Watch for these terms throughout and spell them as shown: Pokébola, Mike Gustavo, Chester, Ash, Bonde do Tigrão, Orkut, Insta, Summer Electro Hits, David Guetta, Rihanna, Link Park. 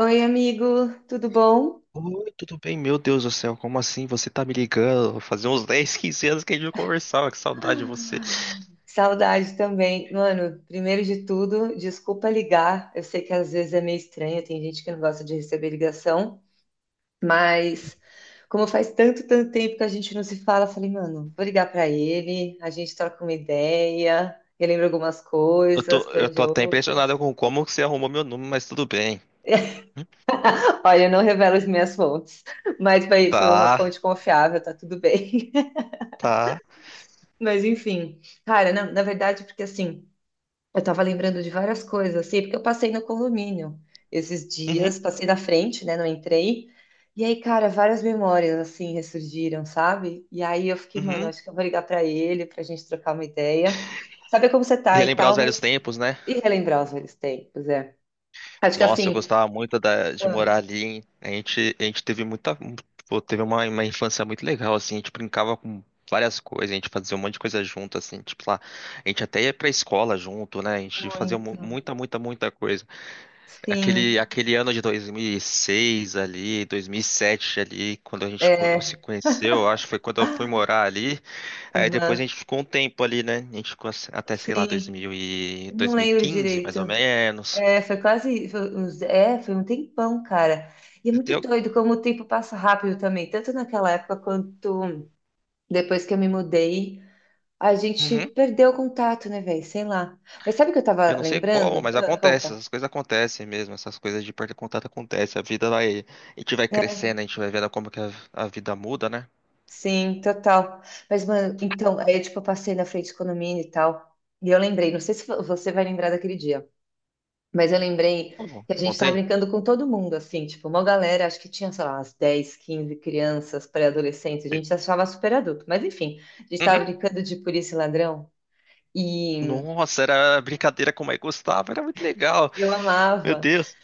Oi, amigo, tudo bom? Oi, tudo bem? Meu Deus do céu, como assim você tá me ligando? Fazia uns 10 15 anos que a gente não conversava, que saudade de você. Saudade também. Mano, primeiro de tudo, desculpa ligar. Eu sei que às vezes é meio estranho, tem gente que não gosta de receber ligação, mas como faz tanto, tanto tempo que a gente não se fala, eu falei, mano, vou ligar pra ele, a gente troca uma ideia, ele lembra algumas Eu coisas, tô, eu tô planeja até outras. impressionado com como que você arrumou meu número, mas tudo bem. Hum. Olha, eu não revelo as minhas fontes, mas foi uma Tá, fonte confiável, tá tudo bem. tá. Mas enfim, cara, na verdade, porque assim. Eu estava lembrando de várias coisas, assim, porque eu passei no condomínio esses Uhum, dias, passei na frente, né? Não entrei. E aí, cara, várias memórias, assim, ressurgiram, sabe? E aí eu fiquei, mano, uhum. acho que eu vou ligar pra ele, pra gente trocar uma ideia, saber como você tá e Relembrar os tal, velhos mas tempos, né? e relembrar os velhos tempos, é. Acho que Nossa, eu assim. gostava muito de morar Ah, ali, hein? A gente teve muita, pô, teve uma infância muito legal, assim. A gente brincava com várias coisas, a gente fazia um monte de coisa junto, assim. Tipo lá, a gente até ia pra escola junto, né? A gente fazia muito. muita, muita, muita coisa. Aquele, Sim, aquele ano de 2006 ali, 2007 ali, quando a gente se é. conheceu, eu acho que foi quando eu fui Ah, morar ali. Aí depois aham, a gente ficou um tempo ali, né? A gente ficou assim, até, sei lá, sim, 2000 e não lembro 2015, mais ou direito. menos. É, foi quase, foi uns- é, foi um tempão, cara. E é Eu muito tenho- doido como o tempo passa rápido também, tanto naquela época quanto depois que eu me mudei, a gente Uhum. perdeu o contato, né, velho? Sei lá. Mas sabe o que eu Eu tava não sei como, lembrando? mas Ah, acontece, conta. essas coisas acontecem mesmo, essas coisas de perder contato acontecem. A vida vai, a gente vai crescendo, a gente vai vendo como que a vida muda, né? Sim, total. Mas, mano, então, aí, tipo, eu passei na frente do condomínio e tal, e eu lembrei, não sei se você vai lembrar daquele dia. Mas eu lembrei Ou que a gente estava Contei? brincando com todo mundo, assim, tipo, uma galera, acho que tinha, sei lá, umas 10, 15 crianças, pré-adolescentes, a gente se achava super adulto, mas enfim, a gente estava Uhum. brincando de polícia e ladrão e Nossa, era brincadeira com o Mike Gustavo, era muito legal. eu Meu amava. Deus.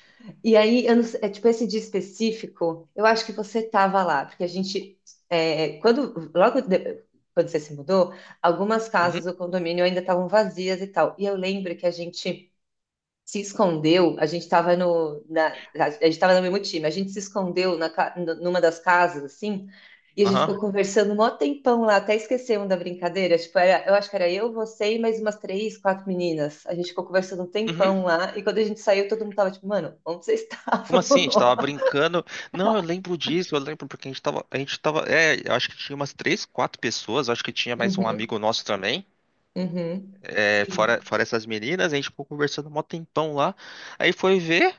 E aí, eu não sei- é, tipo, esse dia específico, eu acho que você estava lá, porque a gente, é, quando, quando você se mudou, algumas casas do condomínio ainda estavam vazias e tal, e eu lembro que a gente se escondeu, a gente estava no, na, a gente estava no mesmo time, a gente se escondeu na, numa das casas, assim, e a gente ficou Aham. conversando um maior tempão lá, até esquecemos da brincadeira, tipo, era, eu acho que era eu, você e mais umas três, quatro meninas, a gente ficou conversando um Uhum. tempão lá, e quando a gente saiu, todo mundo tava tipo, mano, onde vocês Como estavam? assim? A gente tava brincando. Não, eu lembro disso, eu lembro porque a gente tava. A gente tava. É, eu acho que tinha umas três, quatro pessoas, eu acho que tinha mais um Uhum, amigo nosso também. uhum. É, fora, Sim. fora essas meninas, a gente ficou conversando mó tempão lá. Aí foi ver,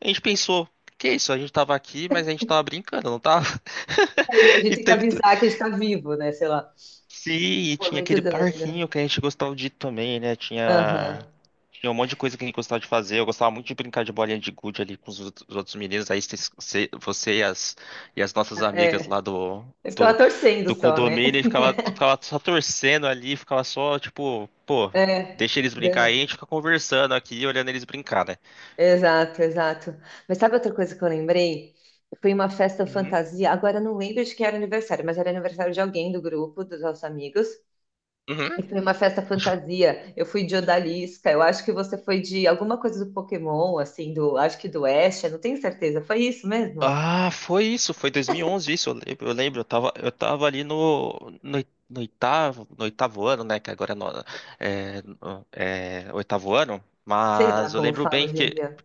a gente pensou, que isso? A gente tava aqui, mas a gente tava brincando, não tava? Aí a gente E tem que teve. avisar que a gente tá vivo, né, sei lá. Sim, e Pô, tinha muito aquele doido. parquinho que a gente gostava de ir também, né? Aham, Tinha um monte de coisa que a gente gostava de fazer. Eu gostava muito de brincar de bolinha de gude ali com os outros meninos. Aí você e as nossas amigas é. lá Eu do, ficava torcendo do só, né? condomínio e ficava só torcendo ali, ficava só, tipo, pô, É. deixa eles brincar aí, a gente fica conversando aqui, olhando eles brincar, né? Exato, exato. Mas sabe outra coisa que eu lembrei? Foi uma festa Uhum. fantasia. Agora eu não lembro de quem era o aniversário, mas era aniversário de alguém do grupo, dos nossos amigos. Uhum. E foi uma festa fantasia. Eu fui de odalisca. Eu acho que você foi de alguma coisa do Pokémon, assim, do, acho que do Ash, eu não tenho certeza. Foi isso mesmo? Ah, foi isso, foi 2011 isso, eu lembro, eu tava ali no, no oitavo, no oitavo ano, né, que agora é, é oitavo ano, Sei lá mas como fala hoje em dia.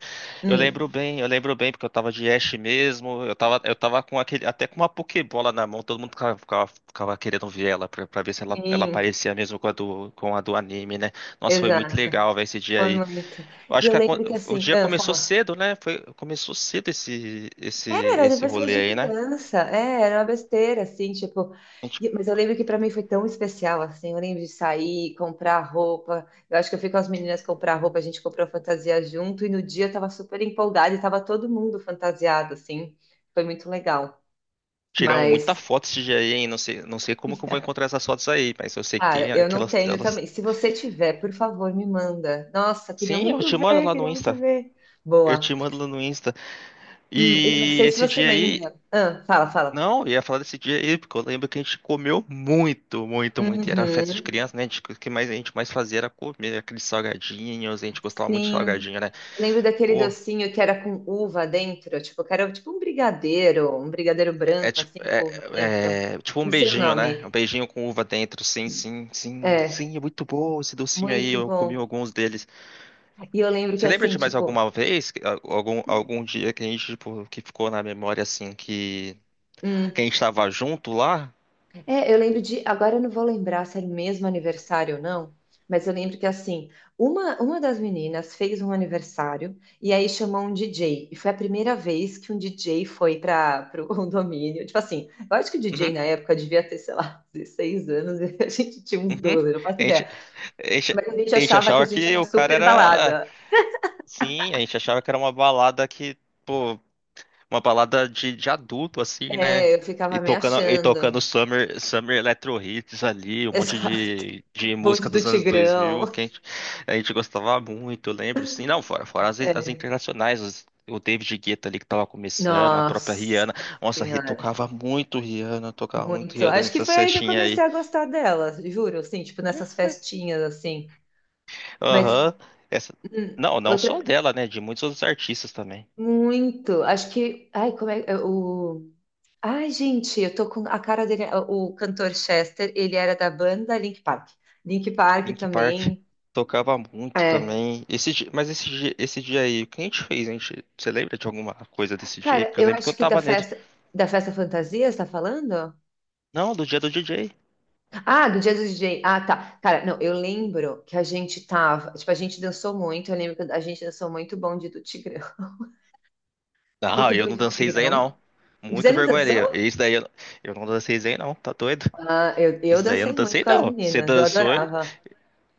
Hum, eu lembro bem, porque eu tava de Ash mesmo, eu tava com aquele, até com uma Pokébola na mão, todo mundo ficava querendo ver ela, pra ver se ela sim, parecia mesmo com a do anime, né, nossa, foi muito exato. legal, ver esse dia Foi aí. muito. Eu E acho eu que a lembro que o assim, dia ah, começou fala. cedo, né? Foi, começou cedo esse, esse, Era de esse diversões rolê de aí, né? criança, é, era uma besteira, assim, tipo. A gente Mas eu lembro que para mim foi tão especial, assim. Eu lembro de sair, comprar roupa. Eu acho que eu fui com as meninas comprar roupa, a gente comprou fantasia junto, e no dia eu tava super empolgada e tava todo mundo fantasiado, assim. Foi muito legal. tiramos muita Mas, foto esse dia aí, hein? Não sei como que eu vou encontrar essas fotos aí, mas eu sei que cara, tem eu não aquelas, tenho elas. também. Se você tiver, por favor, me manda. Nossa, queria Sim, eu muito te mando ver, lá no queria muito Insta. ver. Eu Boa. te mando lá no Insta. E eu não E sei se esse você dia aí, lembra. Ah, fala, fala. não, eu ia falar desse dia aí, porque eu lembro que a gente comeu muito, muito, muito. E era festa de Uhum. criança, né? O que mais a gente mais fazia era comer aqueles salgadinhos, a gente gostava muito de Sim. salgadinho, né? Eu lembro daquele Porra. docinho que era com uva dentro, tipo, que era tipo um brigadeiro É branco, tipo, assim, com uva dentro. é, é tipo um Não sei o beijinho, né? Um nome. beijinho com uva dentro. Sim, sim, sim, É, sim, é muito bom esse docinho aí. muito Eu comi bom. alguns deles. E eu lembro que Você lembra assim, de mais tipo, alguma vez, algum dia que a gente, tipo, que ficou na memória assim, que a hum, gente tava junto lá? é, eu lembro de. Agora eu não vou lembrar se era o mesmo aniversário ou não, mas eu lembro que assim, uma das meninas fez um aniversário e aí chamou um DJ. E foi a primeira vez que um DJ foi para o condomínio. Tipo assim, eu acho que o DJ Uhum, na época devia ter, sei lá, 16 anos e a gente tinha uns uhum. 12, não faço A gente, ideia. a gente, Mas a gente a gente achava que a achava gente que era o cara super era. balada. Sim, a gente achava que era uma balada que, pô, uma balada de adulto, assim, né? É, eu E ficava me tocando, e tocando achando. Summer Electro Hits ali, um monte Exato. de Bonde música do dos anos 2000 que Tigrão. a gente gostava muito, eu lembro, assim, não, fora as É. internacionais, o David Guetta ali que tava começando, a própria Nossa Rihanna, nossa, Senhora. Tocava muito Muito. Rihanna Acho que nessa foi aí que eu festinhas aí, comecei a gostar dela, juro, assim, tipo nessas festinhas assim. Mas aham. Essa, não, não só outra dela, né, de muitos outros artistas também. muito. Acho que ai, como é o ai, gente, eu tô com a cara dele, é, o cantor Chester, ele era da banda Link Park. Link Park Link Park também. tocava muito É. também. Esse, di- mas esse, di- esse dia aí, o que a gente fez? Você lembra de alguma coisa desse dia aí? Cara, Porque eu eu lembro que eu acho que tava nele. Da festa fantasia, você tá falando? Não, do dia do DJ. Ah, do dia do DJ. Ah, tá. Cara, não, eu lembro que a gente tava, tipo, a gente dançou muito, eu lembro que a gente dançou muito Bonde do Tigrão. Não, Muito eu Boi não de dancei isso aí Tigrão. não. Você Muito não vergonha alheia. dançou? Isso daí eu não dancei isso aí não, tá doido? Ah, eu Isso daí eu não dancei muito dancei com as não. Você meninas, eu dançou. Adorava.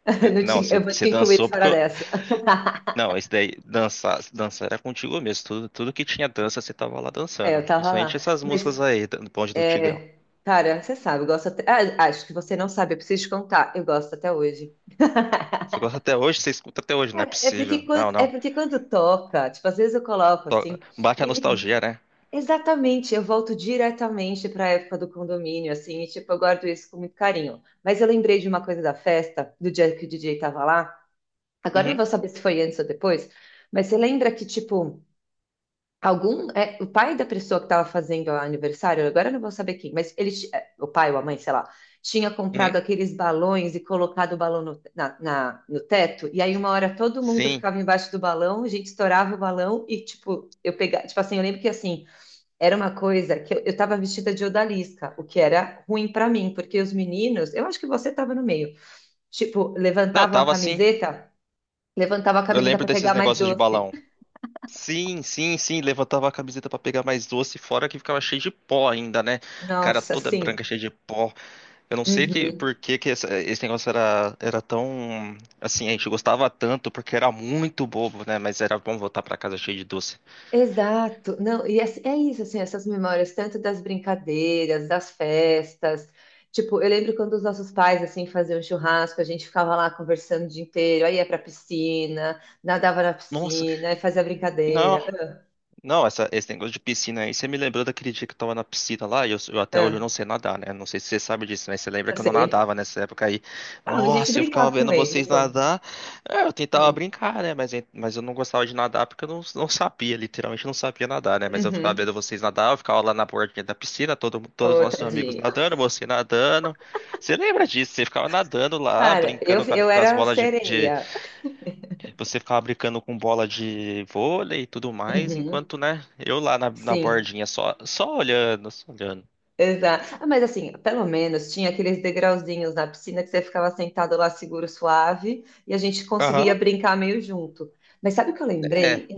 Não Não, te- você, eu vou você te incluir dançou porque fora eu. dessa. Não, isso daí, dançar, dançar era contigo mesmo. Tudo, tudo que tinha dança, você tava lá É, eu dançando. tava Principalmente lá. essas Mas, músicas aí, do Bonde do Tigrão. é, cara, você sabe, eu gosto até. Ah, acho que você não sabe, eu preciso te contar. Eu gosto até hoje. Você gosta até hoje? Você escuta até hoje? Não é Cara, é possível. porque, Não, é não. porque quando toca, tipo, às vezes eu coloco To- assim, Bate a e me- nostalgia, né? exatamente, eu volto diretamente para a época do condomínio, assim, e tipo, eu guardo isso com muito carinho. Mas eu lembrei de uma coisa da festa, do dia que o DJ tava lá. Agora eu não Uhum, vou saber se foi antes ou depois, mas você lembra que, tipo, algum. É, o pai da pessoa que estava fazendo o aniversário, agora eu não vou saber quem, mas ele, é, o pai ou a mãe, sei lá, tinha comprado uhum. aqueles balões e colocado o balão no teto, e aí uma hora todo mundo Sim. ficava embaixo do balão, a gente estourava o balão e, tipo, eu pegava. Tipo assim, eu lembro que assim, era uma coisa que eu tava vestida de odalisca, o que era ruim pra mim, porque os meninos, eu acho que você tava no meio, tipo, Não, eu levantavam a tava assim. camiseta. Levantava a Eu camiseta lembro para desses pegar mais negócios de doce. balão. Sim, sim, sim. Levantava a camiseta pra pegar mais doce, fora que ficava cheio de pó ainda, né? Cara Nossa, toda sim. branca, cheia de pó. Eu não sei Uhum. por que, que esse negócio era tão. Assim, a gente gostava tanto porque era muito bobo, né? Mas era bom voltar pra casa cheio de doce. Exato. Não, e é, é isso, assim, essas memórias, tanto das brincadeiras, das festas. Tipo, eu lembro quando os nossos pais, assim, faziam churrasco, a gente ficava lá conversando o dia inteiro, aí ia pra piscina, nadava na Nossa, piscina, aí fazia não. brincadeira. Não, esse negócio de piscina aí, você me lembrou daquele dia que eu tava na piscina lá, e eu Ah, até hoje eu não ah, sei nadar, né? Não sei se você sabe disso, mas você lembra eu que eu não nadava sei. nessa época aí. Ah, a gente Nossa, eu ficava brincava vendo anyway, vocês mas conta. nadar. É, eu tentava Hum. brincar, né? Mas, mas eu não gostava de nadar porque eu não sabia, literalmente não sabia nadar, né? Mas eu ficava vendo Uhum. vocês nadar, eu ficava lá na bordinha da piscina, todos os Ô, nossos amigos tadinho. Nadando. Você lembra disso? Você ficava nadando lá, Cara, eu, brincando eu com as era bolas de, sereia. você ficava brincando com bola de vôlei e tudo mais, Uhum. enquanto, né, eu lá na Sim. bordinha, só olhando, só olhando. Exato. Ah, mas assim, pelo menos tinha aqueles degrauzinhos na piscina que você ficava sentado lá seguro, suave, e a gente conseguia Aham, brincar meio junto. Mas sabe o que eu lembrei? é.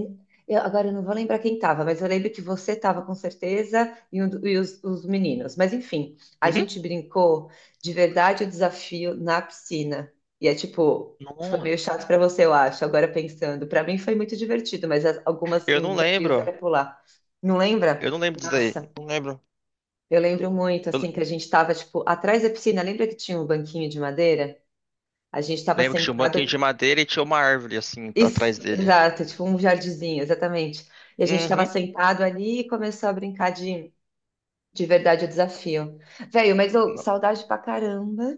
Agora eu não vou lembrar quem estava, mas eu lembro que você estava com certeza e, e os meninos. Mas enfim, a Uhum. gente brincou de verdade o desafio na piscina. E é tipo, foi Não, meio chato para você, eu acho, agora pensando. Para mim foi muito divertido, mas algumas, eu não os desafios lembro. era pular. Não lembra? Eu não lembro disso aí. Nossa. Não lembro. Eu lembro muito, Eu assim, que a gente estava, tipo, atrás da piscina. Lembra que tinha um banquinho de madeira? A gente estava lembro que tinha um banquinho sentado. de madeira e tinha uma árvore, assim, tá atrás Isso, dele. exato, tipo um jardinzinho, exatamente. E a gente estava Uhum. sentado ali e começou a brincar de verdade o desafio. Velho, mas eu, Não. saudade pra caramba.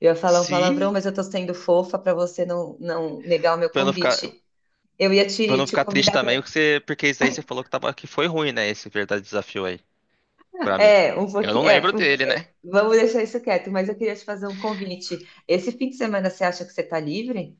Eu ia falar um palavrão, Se, mas eu tô sendo fofa pra você não negar o meu pra eu não ficar, convite. Eu ia pra eu te, não te ficar triste convidar também, pra. porque isso aí você falou que foi ruim, né, esse verdadeiro desafio aí, pra mim. É, um Eu não pouquinho. lembro É, um- dele, é, né? vamos deixar isso quieto, mas eu queria te fazer um convite. Esse fim de semana você acha que você tá livre?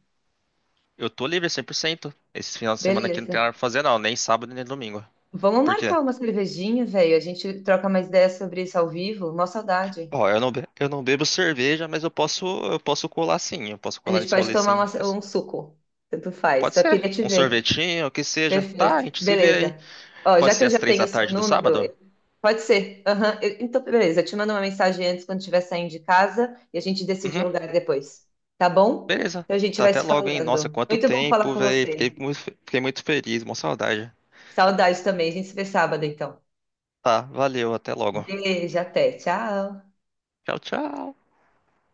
Eu tô livre 100%. Esse final de semana aqui não Beleza. tem nada pra fazer, não. Nem sábado, nem domingo. Vamos Por quê? marcar uma cervejinha, velho. A gente troca mais ideias sobre isso ao vivo. Mó saudade. Ó, eu não bebo cerveja, mas eu posso colar sim. Eu posso A colar gente nesse pode rolê tomar sim. uma- um suco. Tanto faz. Pode Só ser. queria te Um ver. sorvetinho, o que seja. Tá, a Perfeito. gente se vê aí. Beleza. Ó, já Pode que ser eu às já 3 tenho da o seu tarde do número, sábado? Pode ser. Aham. Então, beleza. Eu te mando uma mensagem antes quando estiver saindo de casa e a gente decide o Uhum, lugar depois. Tá bom? beleza. Então a gente Tá vai até se logo, hein? Nossa, falando. quanto Muito bom falar tempo, com velho. Fiquei você. muito, fe- fiquei muito feliz, uma saudade. Saudade também. A gente se vê sábado, então. Tá, valeu, até logo. Beijo, até. Tchau. Tchau, tchau.